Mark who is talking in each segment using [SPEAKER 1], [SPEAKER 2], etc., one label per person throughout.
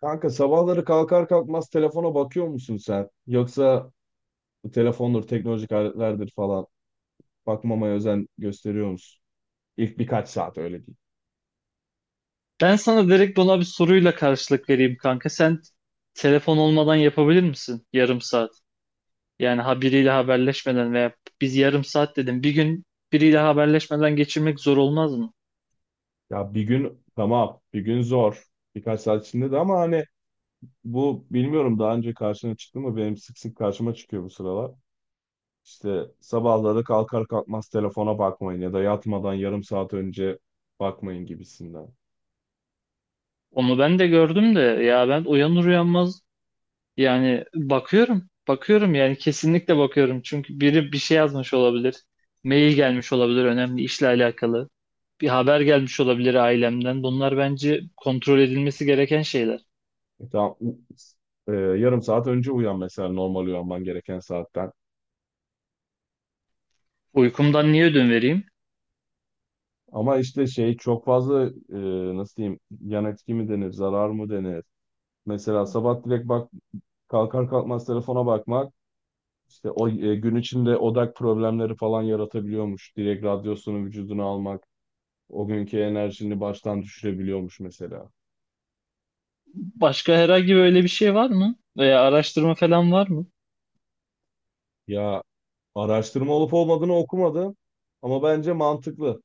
[SPEAKER 1] Kanka sabahları kalkar kalkmaz telefona bakıyor musun sen? Yoksa bu telefondur, teknolojik aletlerdir falan. Bakmamaya özen gösteriyor musun? İlk birkaç saat öyle değil.
[SPEAKER 2] Ben sana direkt ona bir soruyla karşılık vereyim kanka. Sen telefon olmadan yapabilir misin yarım saat? Yani ha biriyle haberleşmeden veya biz yarım saat dedim. Bir gün biriyle haberleşmeden geçirmek zor olmaz mı?
[SPEAKER 1] Ya bir gün tamam, bir gün zor. Birkaç saat içinde de ama hani bu bilmiyorum daha önce karşına çıktı mı? Benim sık sık karşıma çıkıyor bu sıralar. İşte sabahları kalkar kalkmaz telefona bakmayın ya da yatmadan yarım saat önce bakmayın gibisinden.
[SPEAKER 2] Onu ben de gördüm de ya ben uyanır uyanmaz yani bakıyorum. Bakıyorum yani kesinlikle bakıyorum. Çünkü biri bir şey yazmış olabilir. Mail gelmiş olabilir önemli işle alakalı. Bir haber gelmiş olabilir ailemden. Bunlar bence kontrol edilmesi gereken şeyler.
[SPEAKER 1] Tamam, yarım saat önce uyan mesela normal uyanman gereken saatten.
[SPEAKER 2] Uykumdan niye ödün vereyim?
[SPEAKER 1] Ama işte şey çok fazla nasıl diyeyim, yan etki mi denir, zarar mı denir? Mesela sabah direkt bak, kalkar kalkmaz telefona bakmak, İşte o e, gün içinde odak problemleri falan yaratabiliyormuş. Direkt radyosunu vücuduna almak o günkü enerjini baştan düşürebiliyormuş mesela.
[SPEAKER 2] Başka herhangi böyle bir şey var mı? Veya araştırma falan var mı?
[SPEAKER 1] Ya araştırma olup olmadığını okumadım ama bence mantıklı.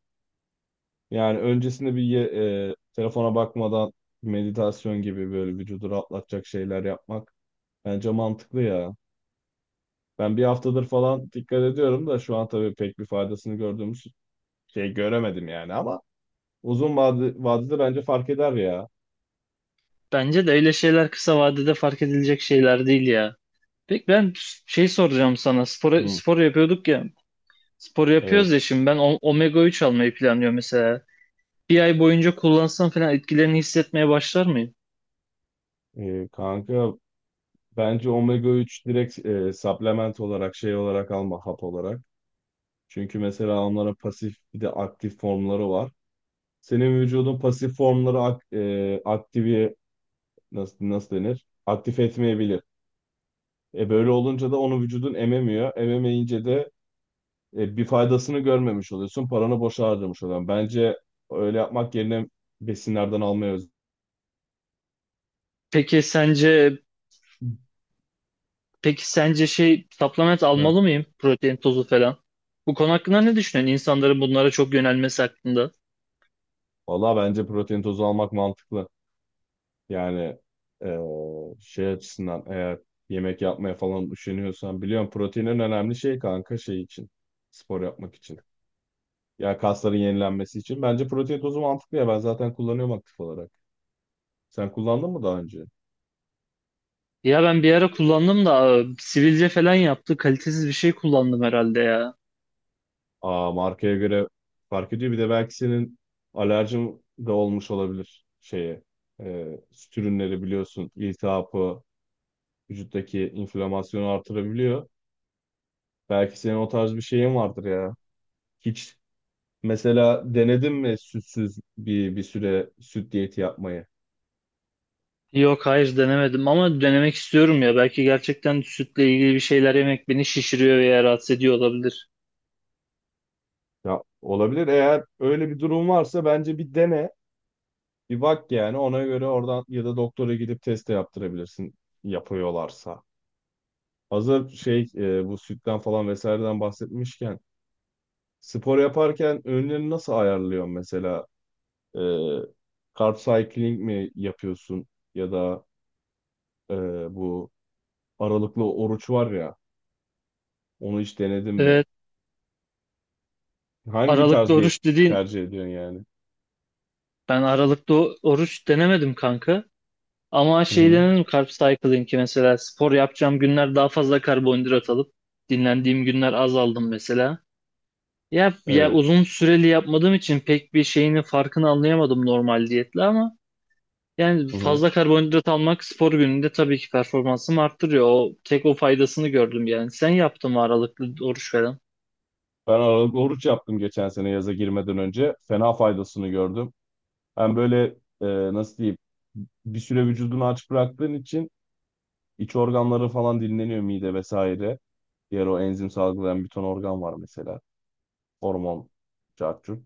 [SPEAKER 1] Yani öncesinde telefona bakmadan meditasyon gibi böyle vücudu rahatlatacak şeyler yapmak bence mantıklı ya. Ben bir haftadır falan dikkat ediyorum da şu an tabii pek bir faydasını gördüğümüz şey göremedim yani ama uzun vadede bence fark eder ya.
[SPEAKER 2] Bence de öyle şeyler kısa vadede fark edilecek şeyler değil ya. Peki ben şey soracağım sana. Spor,
[SPEAKER 1] Hı,
[SPEAKER 2] spor yapıyorduk ya. Spor yapıyoruz ya
[SPEAKER 1] evet.
[SPEAKER 2] şimdi ben omega 3 almayı planlıyorum mesela. Bir ay boyunca kullansam falan etkilerini hissetmeye başlar mıyım?
[SPEAKER 1] Kanka bence omega 3 direkt supplement olarak, şey olarak alma, hap olarak. Çünkü mesela onlara pasif bir de aktif formları var. Senin vücudun pasif formları aktivi, nasıl denir? Aktif etmeyebilir. Böyle olunca da onu vücudun ememiyor. Ememeyince de bir faydasını görmemiş oluyorsun. Paranı boşa harcamış oluyorsun. Bence öyle yapmak yerine besinlerden almaya.
[SPEAKER 2] Peki sence peki sence şey supplement
[SPEAKER 1] Hı.
[SPEAKER 2] almalı mıyım? Protein tozu falan. Bu konu hakkında ne düşünüyorsun? İnsanların bunlara çok yönelmesi hakkında.
[SPEAKER 1] Valla bence protein tozu almak mantıklı. Yani eee, şey açısından, eğer yemek yapmaya falan üşeniyorsan, biliyorum proteinin önemli şey kanka, şey için, spor yapmak için. Ya kasların yenilenmesi için. Bence protein tozu mantıklı ya, ben zaten kullanıyorum aktif olarak. Sen kullandın mı daha önce?
[SPEAKER 2] Ya ben bir ara kullandım da sivilce falan yaptı. Kalitesiz bir şey kullandım herhalde ya.
[SPEAKER 1] Aa, markaya göre fark ediyor. Bir de belki senin alerjin de olmuş olabilir şeye. Süt ürünleri biliyorsun iltihabı, vücuttaki inflamasyonu artırabiliyor. Belki senin o tarz bir şeyin vardır ya. Hiç, mesela denedin mi sütsüz bir süre süt diyeti yapmayı?
[SPEAKER 2] Yok hayır denemedim ama denemek istiyorum ya. Belki gerçekten sütle ilgili bir şeyler yemek beni şişiriyor veya rahatsız ediyor olabilir.
[SPEAKER 1] Ya olabilir. Eğer öyle bir durum varsa bence bir dene. Bir bak yani, ona göre oradan ya da doktora gidip test de yaptırabilirsin, yapıyorlarsa. Hazır bu sütten falan vesaireden bahsetmişken, spor yaparken öğünlerini nasıl ayarlıyorsun mesela? E, Carb cycling mi yapıyorsun ya da e, bu aralıklı oruç var ya, onu hiç denedin mi?
[SPEAKER 2] Evet,
[SPEAKER 1] Hangi
[SPEAKER 2] aralıklı
[SPEAKER 1] tarz diyet
[SPEAKER 2] oruç dediğin
[SPEAKER 1] tercih ediyorsun yani?
[SPEAKER 2] ben aralıklı oruç denemedim kanka. Ama
[SPEAKER 1] Hı
[SPEAKER 2] şey
[SPEAKER 1] hı.
[SPEAKER 2] denedim carb cycling'i, mesela spor yapacağım günler daha fazla karbonhidrat alıp dinlendiğim günler az aldım mesela. Ya
[SPEAKER 1] Evet.
[SPEAKER 2] uzun süreli yapmadığım için pek bir şeyini farkını anlayamadım normal diyetle ama yani
[SPEAKER 1] Hı hı.
[SPEAKER 2] fazla karbonhidrat almak spor gününde tabii ki performansımı arttırıyor. O tek o faydasını gördüm yani. Sen yaptın mı aralıklı oruç falan?
[SPEAKER 1] Ben aralıklı oruç yaptım geçen sene yaza girmeden önce. Fena faydasını gördüm. Hem böyle, e, nasıl diyeyim, bir süre vücudunu aç bıraktığın için iç organları falan dinleniyor, mide vesaire. Diğer o enzim salgılayan bir ton organ var mesela. Hormon, cacuk.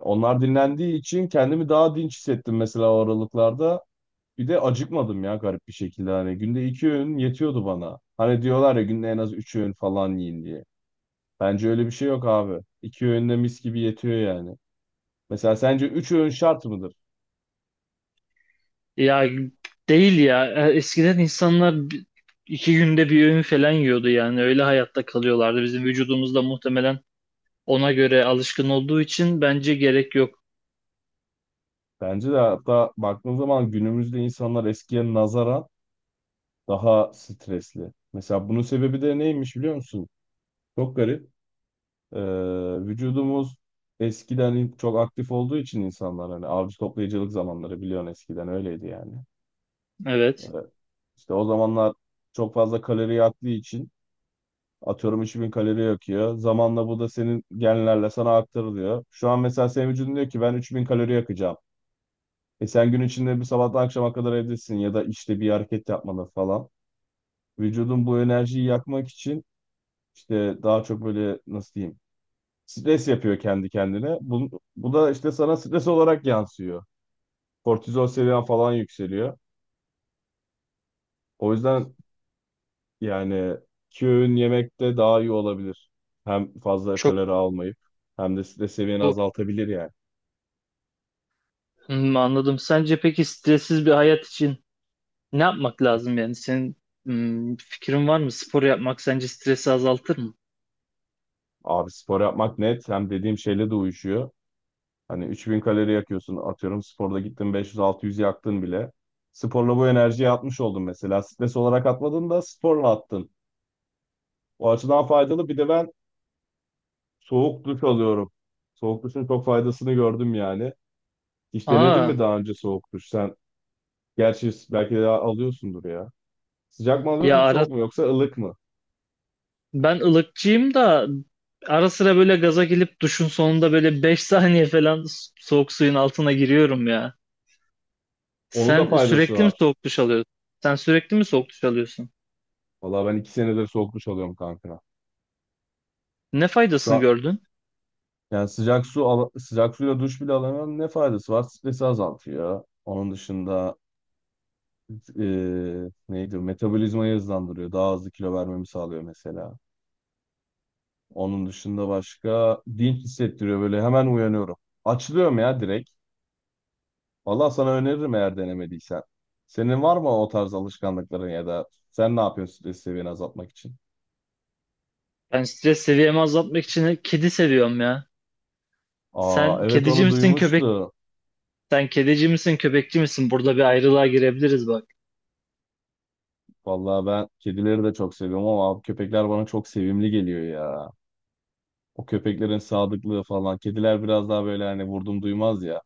[SPEAKER 1] Onlar dinlendiği için kendimi daha dinç hissettim mesela o aralıklarda. Bir de acıkmadım ya, garip bir şekilde hani günde iki öğün yetiyordu bana. Hani diyorlar ya günde en az üç öğün falan yiyin diye. Bence öyle bir şey yok abi. İki öğün de mis gibi yetiyor yani. Mesela sence üç öğün şart mıdır?
[SPEAKER 2] Ya değil ya. Eskiden insanlar iki günde bir öğün falan yiyordu yani. Öyle hayatta kalıyorlardı. Bizim vücudumuz da muhtemelen ona göre alışkın olduğu için bence gerek yok.
[SPEAKER 1] Bence de. Hatta baktığın zaman günümüzde insanlar eskiye nazaran daha stresli. Mesela bunun sebebi de neymiş biliyor musun? Çok garip. Ee, Vücudumuz eskiden çok aktif olduğu için, insanlar hani avcı toplayıcılık zamanları biliyorsun, eskiden öyleydi yani. Ee,
[SPEAKER 2] Evet.
[SPEAKER 1] İşte o zamanlar çok fazla kalori yaktığı için, atıyorum 3000 kalori yakıyor. Zamanla bu da senin genlerle sana aktarılıyor. Şu an mesela senin vücudun diyor ki ben 3000 kalori yakacağım. E sen gün içinde bir sabahtan akşama kadar evdesin ya da işte bir hareket yapmalı falan. Vücudun bu enerjiyi yakmak için işte daha çok böyle, nasıl diyeyim, stres yapıyor kendi kendine. Bu da işte sana stres olarak yansıyor. Kortizol seviyen falan yükseliyor. O yüzden, yani, iki öğün yemek de daha iyi olabilir. Hem fazla
[SPEAKER 2] Çok
[SPEAKER 1] kalori almayıp hem de stres seviyeni
[SPEAKER 2] bu.
[SPEAKER 1] azaltabilir yani.
[SPEAKER 2] Hmm, anladım. Sence peki stressiz bir hayat için ne yapmak lazım yani? Senin fikrin var mı? Spor yapmak sence stresi azaltır mı?
[SPEAKER 1] Abi spor yapmak net, hem dediğim şeyle de uyuşuyor. Hani 3000 kalori yakıyorsun atıyorum, sporda gittin 500-600 yaktın bile. Sporla bu enerjiyi atmış oldun mesela. Stres olarak atmadın da sporla attın. O açıdan faydalı. Bir de ben soğuk duş alıyorum. Soğuk duşun çok faydasını gördüm yani. Hiç denedin
[SPEAKER 2] Aa.
[SPEAKER 1] mi daha önce soğuk duş? Sen gerçi belki de alıyorsundur ya. Sıcak mı
[SPEAKER 2] Ya
[SPEAKER 1] alıyorsun,
[SPEAKER 2] ara
[SPEAKER 1] soğuk mu, yoksa ılık mı?
[SPEAKER 2] ben ılıkçıyım da ara sıra böyle gaza gelip duşun sonunda böyle 5 saniye falan soğuk suyun altına giriyorum ya.
[SPEAKER 1] Onun da
[SPEAKER 2] Sen
[SPEAKER 1] faydası
[SPEAKER 2] sürekli mi
[SPEAKER 1] var.
[SPEAKER 2] soğuk duş alıyorsun? Sen sürekli mi soğuk duş alıyorsun?
[SPEAKER 1] Vallahi ben iki senedir soğuk duş alıyorum kanka.
[SPEAKER 2] Ne
[SPEAKER 1] Şu
[SPEAKER 2] faydasını
[SPEAKER 1] an
[SPEAKER 2] gördün?
[SPEAKER 1] yani sıcak suyla duş bile alamıyorum. Ne faydası var? Stresi azaltıyor. Onun dışında neydi? Metabolizmayı hızlandırıyor. Daha hızlı kilo vermemi sağlıyor mesela. Onun dışında başka, dinç hissettiriyor, böyle hemen uyanıyorum. Açılıyorum ya direkt. Valla sana öneririm eğer denemediysen. Senin var mı o tarz alışkanlıkların, ya da sen ne yapıyorsun stres seviyeni azaltmak için?
[SPEAKER 2] Ben stres seviyemi azaltmak için kedi seviyorum ya.
[SPEAKER 1] Aa,
[SPEAKER 2] Sen
[SPEAKER 1] evet,
[SPEAKER 2] kedici
[SPEAKER 1] onu
[SPEAKER 2] misin köpek?
[SPEAKER 1] duymuştu.
[SPEAKER 2] Sen kedici misin köpekçi misin? Burada bir ayrılığa girebiliriz bak.
[SPEAKER 1] Vallahi ben kedileri de çok seviyorum ama abi köpekler bana çok sevimli geliyor ya. O köpeklerin sadıklığı falan. Kediler biraz daha böyle, hani, vurdum duymaz ya.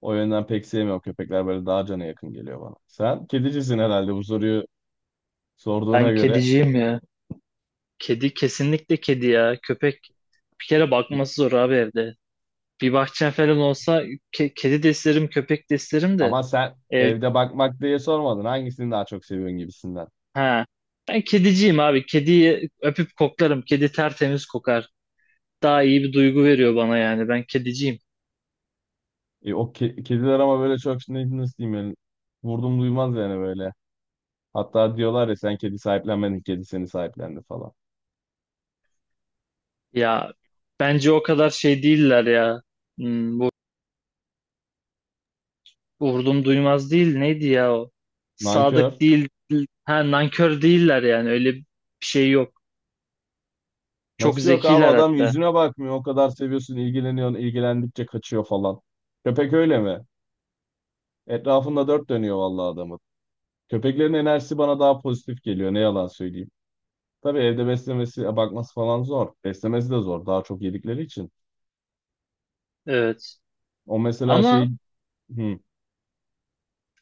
[SPEAKER 1] O yönden pek sevmiyorum. Köpekler böyle daha cana yakın geliyor bana. Sen kedicisin herhalde, bu soruyu sorduğuna
[SPEAKER 2] Ben
[SPEAKER 1] göre.
[SPEAKER 2] kediciyim ya. Kedi kesinlikle kedi ya. Köpek bir kere bakması zor abi evde. Bir bahçem falan olsa kedi de isterim, köpek de isterim de
[SPEAKER 1] Ama sen
[SPEAKER 2] ev
[SPEAKER 1] evde bakmak diye sormadın. Hangisini daha çok seviyorsun gibisinden.
[SPEAKER 2] ha. Ben kediciyim abi. Kediyi öpüp koklarım. Kedi tertemiz kokar. Daha iyi bir duygu veriyor bana yani. Ben kediciyim.
[SPEAKER 1] Kediler ama böyle çok nasıl diyeyim yani, vurdum duymaz yani böyle. Hatta diyorlar ya sen kedi sahiplenmedin, kedi seni sahiplendi falan.
[SPEAKER 2] Ya bence o kadar şey değiller ya. Hmm, bu vurdum duymaz değil. Neydi ya o?
[SPEAKER 1] Nankör.
[SPEAKER 2] Sadık değil. Ha, nankör değiller yani. Öyle bir şey yok. Çok
[SPEAKER 1] Nasıl yok abi,
[SPEAKER 2] zekiler
[SPEAKER 1] adam
[SPEAKER 2] hatta.
[SPEAKER 1] yüzüne bakmıyor. O kadar seviyorsun, ilgileniyorsun, ilgilendikçe kaçıyor falan. Köpek öyle mi? Etrafında dört dönüyor vallahi adamın. Köpeklerin enerjisi bana daha pozitif geliyor. Ne yalan söyleyeyim. Tabii evde beslemesi, bakması falan zor. Beslemesi de zor. Daha çok yedikleri için.
[SPEAKER 2] Evet.
[SPEAKER 1] O mesela
[SPEAKER 2] Ama
[SPEAKER 1] şey, hı,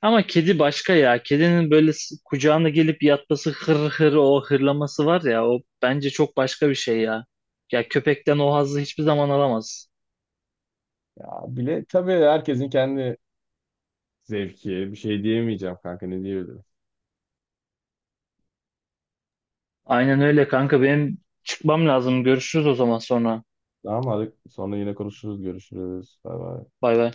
[SPEAKER 2] Ama kedi başka ya. Kedinin böyle kucağına gelip yatması, hır hır, o hırlaması var ya, o bence çok başka bir şey ya. Ya köpekten o hazzı hiçbir zaman alamaz.
[SPEAKER 1] ya bile tabii, herkesin kendi zevki. Bir şey diyemeyeceğim kanka, ne diyebilirim.
[SPEAKER 2] Aynen öyle kanka, benim çıkmam lazım. Görüşürüz o zaman sonra.
[SPEAKER 1] Tamam, hadi sonra yine konuşuruz, görüşürüz. Bay bay.
[SPEAKER 2] Bay bay.